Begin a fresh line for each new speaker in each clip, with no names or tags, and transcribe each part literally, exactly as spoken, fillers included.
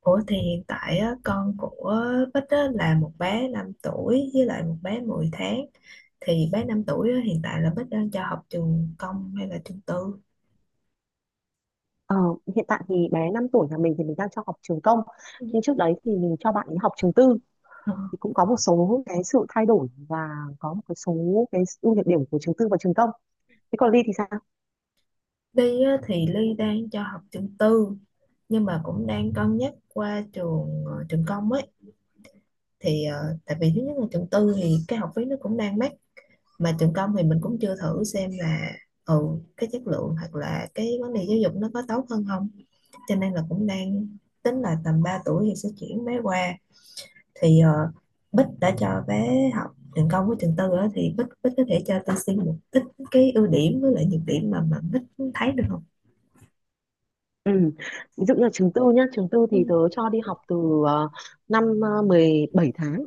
Ủa, thì hiện tại á, con của Bích á, là một bé năm tuổi với lại một bé mười tháng. Thì bé năm tuổi á, hiện tại là Bích đang cho học trường công hay là trường tư?
Ờ, hiện tại thì bé năm tuổi nhà mình thì mình đang cho học trường công, nhưng trước đấy thì mình cho bạn ấy học trường tư.
Ờ.
Thì cũng có một số cái sự thay đổi và có một cái số cái ưu nhược điểm của trường tư và trường công. Thế còn Ly thì sao?
Ly á, thì Ly đang cho học trường tư, nhưng mà cũng đang cân nhắc qua trường ờ, trường công ấy. Thì ờ, tại vì thứ nhất là trường tư thì cái học phí nó cũng đang mắc, mà trường công thì mình cũng chưa thử xem là ừ cái chất lượng hoặc là cái vấn đề giáo dục nó có tốt hơn không, cho nên là cũng đang tính là tầm ba tuổi thì sẽ chuyển bé qua. Thì ờ, Bích đã cho bé học trường công với trường tư á, thì Bích Bích có thể cho tôi xin một ít cái ưu điểm với lại nhược điểm mà mà Bích thấy được không?
Ừ. Ví dụ như là trường tư nhá, trường tư
Ừ,
thì tớ cho đi học từ ờ, năm ờ, mười bảy tháng.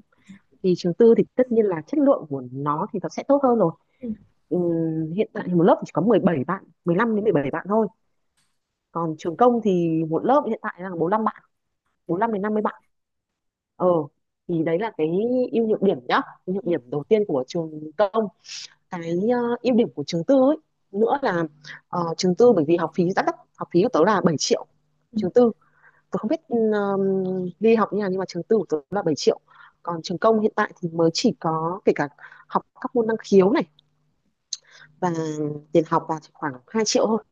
Thì trường tư thì tất nhiên là chất lượng của nó thì nó sẽ tốt hơn rồi.
ừ,
Ừm, hiện tại thì một lớp chỉ có mười bảy bạn, mười lăm đến mười bảy bạn thôi. Còn trường công thì một lớp hiện tại là bốn lăm bạn, bốn lăm đến năm mươi. ờ thì đấy là cái ưu nhược điểm nhá, ưu nhược
ừ,
điểm đầu tiên của trường công. Cái ờ, ưu điểm của trường tư ấy nữa là, ờ, trường tư bởi vì học phí rất đắt, học phí của tớ là bảy triệu.
ừ.
Trường tư, tớ không biết um, đi học như nào, nhưng mà trường tư của tớ là bảy triệu. Còn trường công hiện tại thì mới chỉ có, kể cả học các môn năng khiếu này và tiền học là chỉ khoảng hai triệu thôi.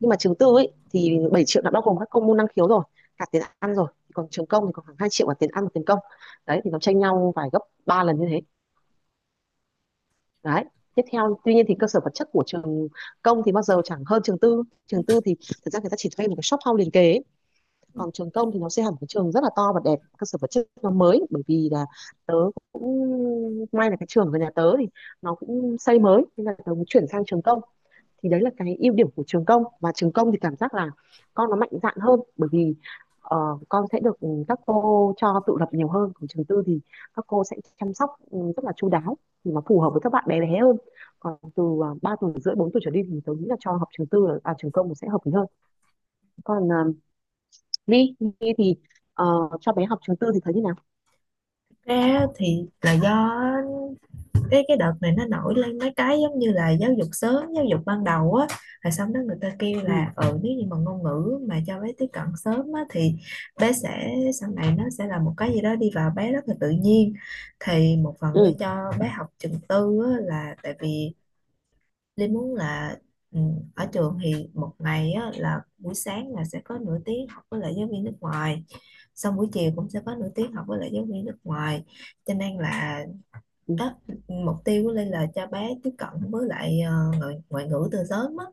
Nhưng mà trường tư ấy thì bảy triệu đã bao gồm các công môn năng khiếu rồi, cả tiền ăn rồi. Còn trường công thì còn khoảng hai triệu cả tiền ăn và tiền công. Đấy thì nó tranh nhau vài gấp ba lần như thế đấy. Tiếp theo, tuy nhiên thì cơ sở vật chất của trường công thì bao giờ chẳng hơn trường tư. Trường tư thì thực ra người ta chỉ thuê một cái shop house liền kề ấy. Còn trường công thì nó sẽ hẳn cái trường rất là to và đẹp, cơ sở vật chất nó mới. Bởi vì là tớ cũng may là cái trường của nhà tớ thì nó cũng xây mới nên là tớ cũng chuyển sang trường công. Thì đấy là cái ưu điểm của trường công. Và trường công thì cảm giác là con nó mạnh dạn hơn, bởi vì ờ, con sẽ được ừ, các cô cho tự lập nhiều hơn. Còn trường tư thì các cô sẽ chăm sóc ừ, rất là chu đáo, thì nó phù hợp với các bạn bé bé hơn. Còn từ uh, ba tuổi rưỡi, bốn tuổi trở đi thì tôi nghĩ là cho học trường tư là à, trường công sẽ hợp lý hơn. Còn uh, Ly Ly thì ờ, cho bé học trường tư thì thấy như nào?
Ra thì là do cái cái đợt này nó nổi lên mấy cái giống như là giáo dục sớm, giáo dục ban đầu á. Rồi xong đó người ta kêu
Ừ.
là ừ nếu như mà ngôn ngữ mà cho bé tiếp cận sớm á thì bé sẽ, sau này nó sẽ là một cái gì đó đi vào bé rất là tự nhiên. Thì một phần Lý
Ừ.
cho bé học trường tư á, là tại vì Lý muốn là ừ, ở trường thì một ngày á, là buổi sáng là sẽ có nửa tiếng học với lại giáo viên nước ngoài, xong buổi chiều cũng sẽ có nửa tiếng học với lại giáo viên nước ngoài, cho nên là
Ừ,
đó, mục tiêu của Linh là cho bé tiếp cận với lại ờ, ngoại, ngoại ngữ từ sớm á.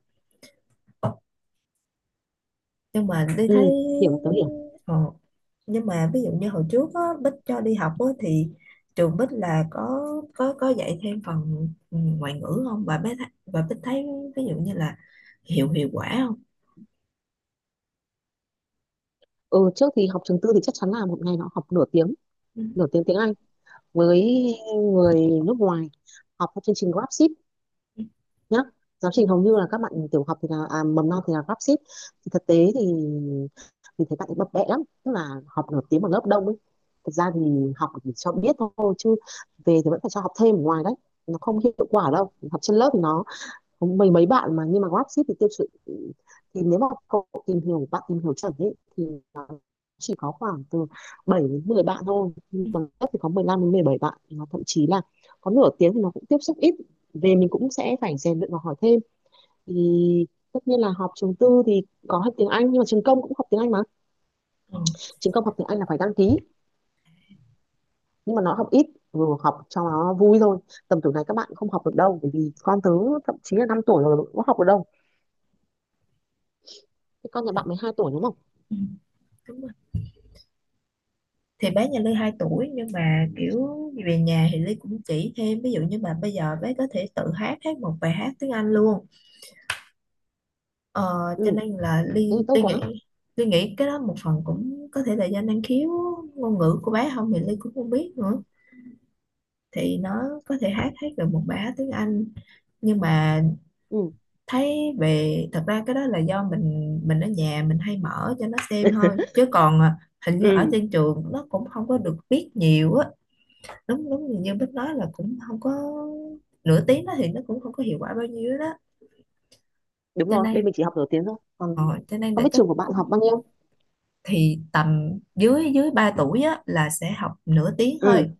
Nhưng mà đi thấy
ừ. Hiểu, tớ hiểu.
ờ, nhưng mà ví dụ như hồi trước á, Bích cho đi học á, thì trường Bích là có có có dạy thêm phần ừ, ngoại ngữ không, và bé thấy, và Bích thấy, ví dụ như là hiệu hiệu quả không?
Ừ, trước thì học trường tư thì chắc chắn là một ngày nó học nửa tiếng,
Ừ,
nửa tiếng tiếng Anh với người nước ngoài, học theo chương trình GrabShip
ừ,
nhá. Giáo trình hầu như là các bạn tiểu học thì là à, mầm non thì là GrabShip. Thì thực tế thì mình thấy các bạn ấy bập bẹ lắm, tức là học nửa tiếng một lớp đông ấy. Thực ra thì học chỉ cho biết thôi chứ về thì vẫn phải cho học thêm ở ngoài đấy. Nó không hiệu quả đâu, học trên lớp thì nó có mấy mấy bạn mà. Nhưng mà GrabShip thì tiêu chuẩn thì nếu mà cậu tìm hiểu, bạn tìm hiểu chuẩn ấy thì chỉ có khoảng từ bảy đến mười bạn thôi, nhưng
ừ,
bằng cấp thì có mười lăm đến mười bảy bạn, nó thậm chí là có. Nửa tiếng thì nó cũng tiếp xúc ít, về mình cũng sẽ phải rèn luyện và hỏi thêm. Thì tất nhiên là học trường tư thì có học tiếng Anh, nhưng mà trường công cũng học tiếng Anh mà.
ừ. Ờ,
Trường công học tiếng Anh là phải đăng ký, nhưng mà nó học ít, vừa học cho nó vui thôi. Tầm tuổi này các bạn không học được đâu, bởi vì con tớ thậm chí là năm tuổi rồi cũng học được đâu. Cái con nhà
thì-
bạn mười hai tuổi đúng không?
ừ, đúng rồi. Thì bé nhà Ly hai tuổi, nhưng mà kiểu về nhà thì Ly cũng chỉ thêm, ví dụ như mà bây giờ bé có thể tự hát hát một bài hát tiếng Anh luôn. Ờ,
Ừ,
cho nên là
thế
Ly
thì tốt
Ly nghĩ
quá.
Ly nghĩ cái đó một phần cũng có thể là do năng khiếu ngôn ngữ của bé không thì Ly cũng không biết nữa. Thì nó có thể hát hát được một bài hát tiếng Anh, nhưng mà
Ừ.
thấy, về thật ra cái đó là do mình mình ở nhà mình hay mở cho nó xem thôi chứ còn à, hình như ở
Ừ,
trên trường nó cũng không có được biết nhiều á. Đúng đúng như như Bích nói là cũng không có. Nửa tiếng đó thì nó cũng không có hiệu quả bao nhiêu đó,
đúng
cho
rồi bên
nên
mình chỉ học nửa tiếng thôi. Còn
ờ, cho nên
không
là
biết
chắc
trường của bạn
cũng,
học bao nhiêu.
thì tầm dưới dưới ba tuổi á, là sẽ học nửa tiếng
Ừ.
thôi,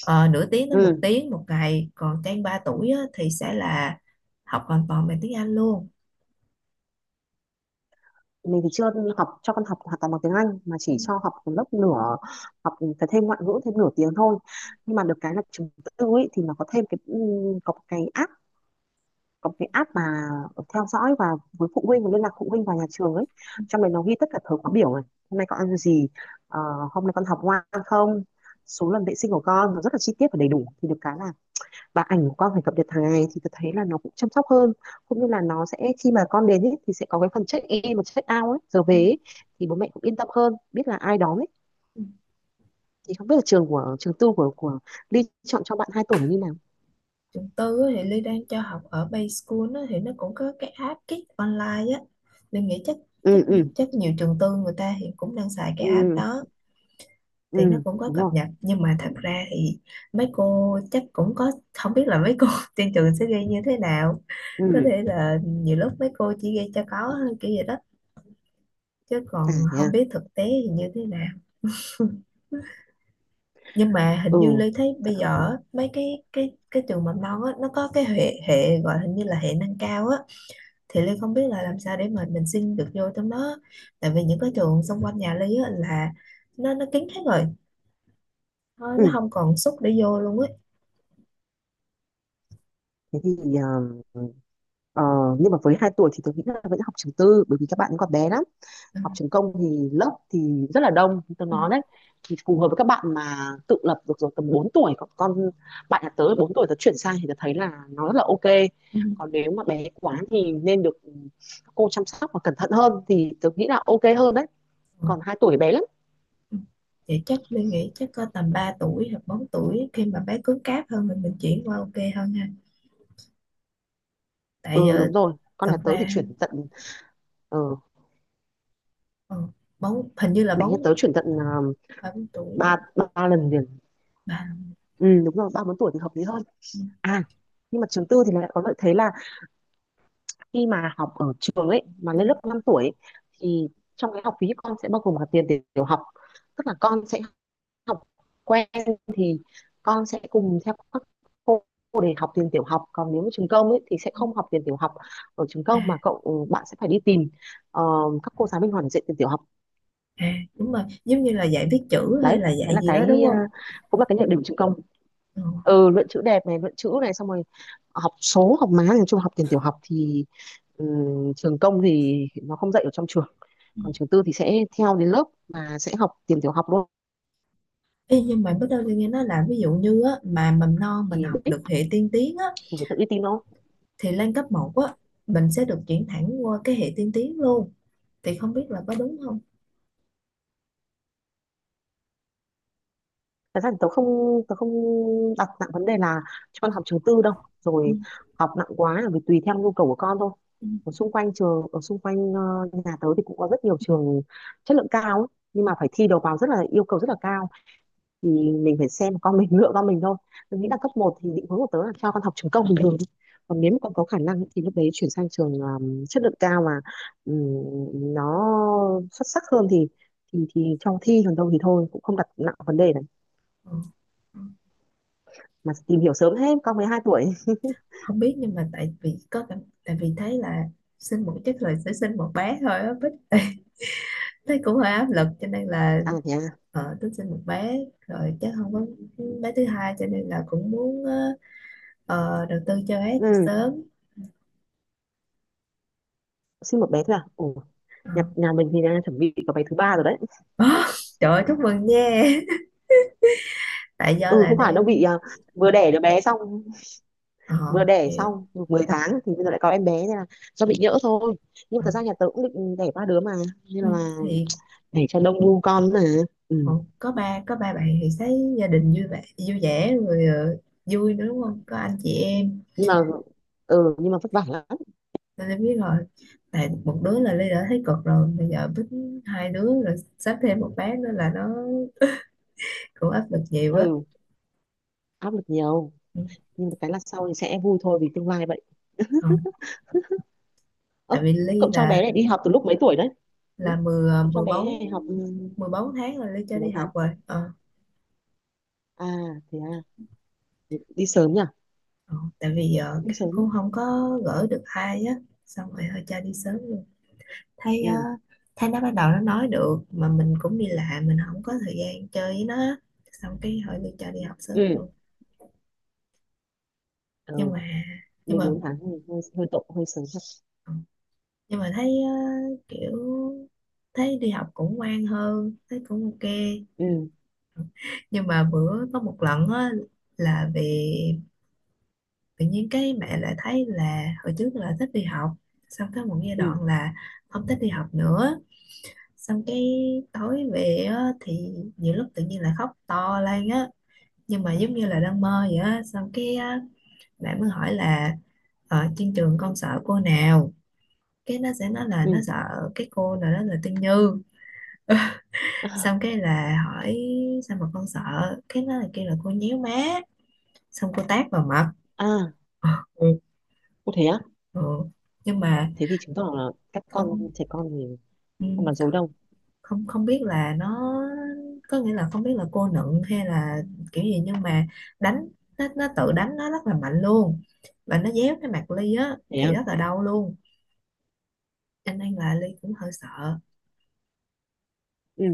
ờ, nửa tiếng tới một
Ừ,
tiếng một ngày, còn trên ba tuổi á, thì sẽ là học hoàn toàn bằng tiếng Anh luôn.
mình thì chưa học cho con học hoàn toàn bằng tiếng Anh mà
Ừ,
chỉ cho học một lớp nửa, học phải thêm ngoại ngữ thêm nửa tiếng thôi. Nhưng mà được cái là trường tư ấy thì nó có thêm cái ừm, có một cái app, có một cái app mà theo dõi và với phụ huynh và liên lạc phụ huynh vào nhà trường ấy. Trong đấy nó ghi tất cả thời khóa biểu này, hôm nay con ăn gì, ờ, hôm nay con học ngoan không, số lần vệ sinh của con, nó rất là chi tiết và đầy đủ. Thì được cái là và ảnh của con phải cập nhật hàng ngày, thì tôi thấy là nó cũng chăm sóc hơn. Cũng như là nó sẽ khi mà con đến ấy thì sẽ có cái phần check in và check out ấy, giờ về
ừ,
ấy thì bố mẹ cũng yên tâm hơn, biết là ai đón ấy.
ừ.
Thì không biết là trường của, trường tư của của Ly chọn cho bạn hai tuổi là như nào?
Trường tư á, thì Ly đang cho học ở Bay School á, thì nó cũng có cái app Kids Online á. Ly nghĩ chắc, chắc
Ừ. Ừ.
chắc nhiều trường tư người ta hiện cũng đang xài cái app
Ừ.
đó. Thì nó
Ừ,
cũng có
đúng
cập
rồi.
nhật, nhưng mà thật ra thì mấy cô chắc cũng có, không biết là mấy cô trên trường sẽ ghi như thế nào. Có thể
Ừ.
là nhiều lúc mấy cô chỉ ghi cho có thôi, kiểu vậy đó, chứ
À
còn
thế
không
à.
biết thực tế thì như thế nào. Nhưng mà hình như
Ừ.
Ly thấy bây giờ á, mấy cái cái cái trường mầm non á, nó có cái hệ hệ gọi hình như là hệ nâng cao á. Thì Ly không biết là làm sao để mà mình xin được vô trong đó, tại vì những cái trường xung quanh nhà Ly á, là nó nó kín hết rồi. Thôi,
Ừ,
nó không còn suất để vô luôn ấy.
thế thì ờ, ờ, nhưng mà với hai tuổi thì tôi nghĩ là vẫn học trường tư, bởi vì các bạn còn bé lắm. Học trường công thì lớp thì rất là đông, tôi
Ừ.
nói đấy. Thì phù hợp với các bạn mà tự lập được rồi tầm bốn tuổi. Còn con bạn nhà tớ bốn tuổi tớ chuyển sang thì tớ thấy là nó rất là ok.
Ừ.
Còn nếu mà bé quá thì nên được cô chăm sóc và cẩn thận hơn thì tớ nghĩ là ok hơn đấy.
Ừ.
Còn hai tuổi bé lắm.
Vậy chắc Linh nghĩ chắc có tầm ba tuổi hoặc bốn tuổi khi mà bé cứng cáp hơn, mình mình chuyển qua ok hơn ha. Tại
Ừ,
giờ
đúng rồi, con
thật
nhà tớ thì
ra
chuyển tận ờ,
ừ, bóng hình như là
bé nhà
bốn,
tớ chuyển tận ờ,
ba bốn tuổi,
ba ba lần liền.
ba.
Ừ, đúng rồi ba bốn tuổi thì hợp lý hơn. À, nhưng mà trường tư thì lại có lợi thế là khi mà học ở trường ấy mà lên lớp năm tuổi ấy, thì trong cái học phí con sẽ bao gồm cả tiền tiểu tiểu học. Tức là con sẽ học quen thì con sẽ cùng theo các cô để học tiền tiểu học. Còn nếu mà trường công ấy thì sẽ không học tiền tiểu học ở trường
à,
công, mà cậu ừ, bạn sẽ phải đi tìm ờ, các cô giáo bên ngoài để dạy tiền tiểu học.
à đúng rồi, giống như là dạy viết chữ hay
Đấy,
là
đấy
dạy
là
gì đó, đúng
cái ờ,
không?
cũng là cái nhược điểm của trường công. Ừ, luận chữ đẹp này, luận chữ này, xong rồi học số, học má, nói chung học tiền tiểu học thì ừ, trường công thì nó không dạy ở trong trường.
Ừ.
Còn trường tư thì sẽ theo đến lớp mà sẽ học tiền tiểu học luôn.
Ê, nhưng mà bắt đầu tôi nghe nói là ví dụ như á, mà mầm non mình
Thì
học
đấy
được hệ tiên tiến á,
thì phải tự đi tìm nó.
thì lên cấp một á, mình sẽ được chuyển thẳng qua cái hệ tiên tiến luôn, thì không biết là có đúng không?
Thật ra thì tớ không tớ không đặt nặng vấn đề là cho con học trường tư đâu.
Ừ.
Rồi, học nặng quá là vì tùy theo nhu cầu của con thôi.
Ừ.
Ở xung quanh trường, ở xung quanh ờ, nhà tớ thì cũng có rất nhiều trường chất lượng cao ấy, nhưng mà phải thi đầu vào, rất là yêu cầu rất là cao. Thì mình phải xem con mình, lựa con mình thôi. Mình nghĩ là cấp một thì định hướng của tớ là cho con học trường công bình thường. Còn nếu mà con có khả năng thì lúc đấy chuyển sang trường um, chất lượng cao mà um, nó xuất sắc hơn thì thì thì cho thi, còn đâu thì thôi cũng không đặt nặng vấn đề này.
Ừ. Ừ.
Mà tìm hiểu sớm hết, con mới hai tuổi.
Không biết, nhưng mà tại vì có cảm tại vì thấy là sinh một chắc là sẽ sinh một bé thôi á, Bích. Thấy cũng hơi áp lực, cho nên là
À thế à.
ờ, tôi sinh một bé rồi chắc không có bé thứ hai, cho nên là cũng muốn ờ, ờ, đầu tư cho bé từ
Ừ,
sớm.
sinh một bé thôi à? Ồ,
Ờ.
nhà, nhà mình thì đang chuẩn bị có bé thứ ba rồi đấy.
Trời ơi, chúc mừng nha. Tại do
Ừ,
là
không phải đâu
đang
bị à, vừa đẻ đứa bé xong,
ờ
vừa đẻ
hiểu.
xong được mười tháng thì bây giờ lại có em bé nên là do
Ừ,
bị nhỡ thôi. Nhưng mà
ừ.
thật ra nhà tớ cũng định đẻ ba đứa mà, nên
Ừ,
là
thì
để cho đông bu con mà.
ờ,
Ừ.
có ba có ba bạn thì thấy gia đình vui vẻ, vui vẻ rồi, ờ, vui nữa, đúng không, có anh chị em.
Nhưng mà ừ, nhưng mà vất vả lắm.
Tôi đã biết rồi. Tại một đứa là Ly đã thấy cực rồi. Bây giờ bính hai đứa rồi sắp thêm một bé nữa là nó cũng áp lực nhiều á.
Ừ, áp lực nhiều.
Ừ.
Nhưng mà cái là sau thì sẽ vui thôi vì tương lai vậy.
Không.
Ơ,
Tại vì
thế
Ly
cậu cho
là
bé này đi học từ lúc mấy tuổi đấy? Ừ?
là mười, à,
Cậu cho
mười
bé
bốn
này học ừ,
mười bốn tháng là Ly cho
từ
đi
bốn
học
tháng
rồi. Ờ,
À thế à, đi sớm nhỉ.
ờ. Tại vì ờ,
Đi
kiểu
sớm.
cũng không có gửi được ai á. Xong rồi thôi cho đi sớm luôn. Thấy ờ,
Ừ.
thấy nó bắt đầu nó nói được, mà mình cũng đi làm, mình không có thời gian chơi với nó á. Xong cái hỏi Ly cho đi học sớm
Ừ.
luôn. Nhưng
Ừ,
mà Nhưng
mười
mà
bốn tháng thì hơi hơi tội, hơi sớm thật.
ừ, nhưng mà thấy ờ, kiểu thấy đi học cũng ngoan hơn, thấy cũng ok.
Ừ.
Nhưng mà bữa có một lần á, là vì tự nhiên cái mẹ lại thấy là hồi trước là thích đi học, xong tới một giai
Ừ.
đoạn là không thích đi học nữa. Xong cái tối về á, thì nhiều lúc tự nhiên là khóc to lên á, nhưng mà giống như là đang mơ vậy á. Xong cái á, mẹ mới hỏi là ở trên trường con sợ cô nào, cái nó sẽ nói là nó
Ừ.
sợ cái cô nào đó là Tiên Như. Xong cái là hỏi sao mà con sợ, cái nó là kêu là cô nhéo má, xong cô tát vào mặt.
À,
Ừ.
có thế á?
Ừ. Nhưng mà
Thế thì chứng tỏ là các con,
không
trẻ con thì
ừ,
không nói dối đâu.
không không biết là nó, có nghĩa là không biết là cô nựng hay là kiểu gì, nhưng mà đánh, nó, nó tự đánh nó rất là mạnh luôn, và nó déo cái mặt Ly á
Thế
thì
à?
rất là đau luôn, cho nên là Ly cũng hơi sợ.
Ừ,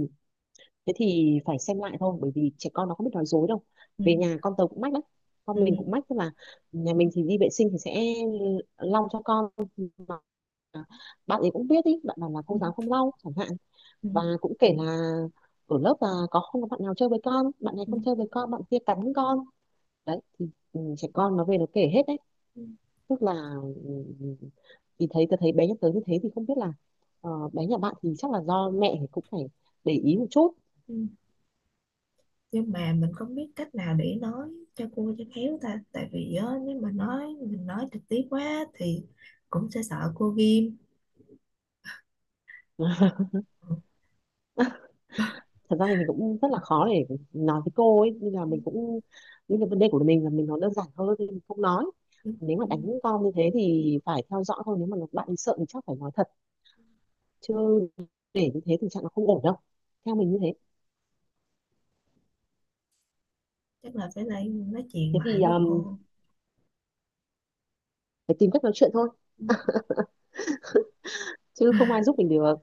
thế thì phải xem lại thôi, bởi vì trẻ con nó không biết nói dối đâu.
Ừ.
Về nhà con tớ cũng mách lắm,
Ừ.
con mình cũng mách, tức là nhà mình thì đi vệ sinh thì sẽ lau cho con, mà bạn ấy cũng biết ý, bạn bảo là
Ừ.
cô giáo không lau chẳng hạn.
Ừ.
Và cũng kể là ở lớp là có, không có bạn nào chơi với con, bạn này
Ừ.
không
Ừ.
chơi với con, bạn kia cắn con. Đấy thì ừ, trẻ con nó về nó kể hết đấy.
Ừ,
Tức là ừm, thì thấy, tôi thấy bé nhắc tới như thế thì không biết là ờ, bé nhà bạn thì chắc là do mẹ thì cũng phải để ý một chút.
ừ. Nhưng mà mình không biết cách nào để nói cho cô cho khéo ta. Tại vì á, nếu mà nói, mình nói trực tiếp quá thì cũng sẽ sợ cô ghim. Ừ,
Thật ra thì mình cũng rất là khó để nói với cô ấy, nên là mình cũng những cái vấn đề của mình là mình nó đơn giản hơn thì mình không nói.
ừ,
Nếu
ừ.
mà đánh con như thế thì phải theo dõi thôi, nếu mà bạn ấy sợ thì chắc phải nói thật. Chứ để như thế tình trạng nó không ổn đâu, theo mình như thế.
Chắc là phải lại nói chuyện
Thế
lại
thì
với
ừm,
cô.
phải tìm cách nói chuyện thôi, chứ không ai giúp mình được.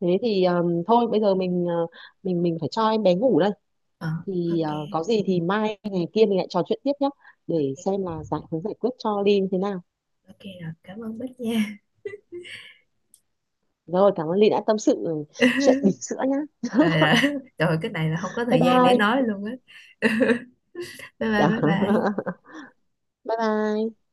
Thế thì ừm, thôi bây giờ mình ờ, mình mình phải cho em bé ngủ đây.
ờ
Thì
ok.
à, có gì thì mai ngày kia mình lại trò chuyện tiếp nhé. Để xem
Ok.
là giải, hướng giải quyết cho Ly như thế nào.
Ok rồi, cảm ơn Bích nha.
Rồi, cảm ơn Ly đã tâm sự ừ, chuyện bỉm sữa nhá.
Rồi, rồi. Trời, cái này là không có
Bye
thời gian để
bye.
nói luôn á. Bye bye, bye bye.
Bye bye.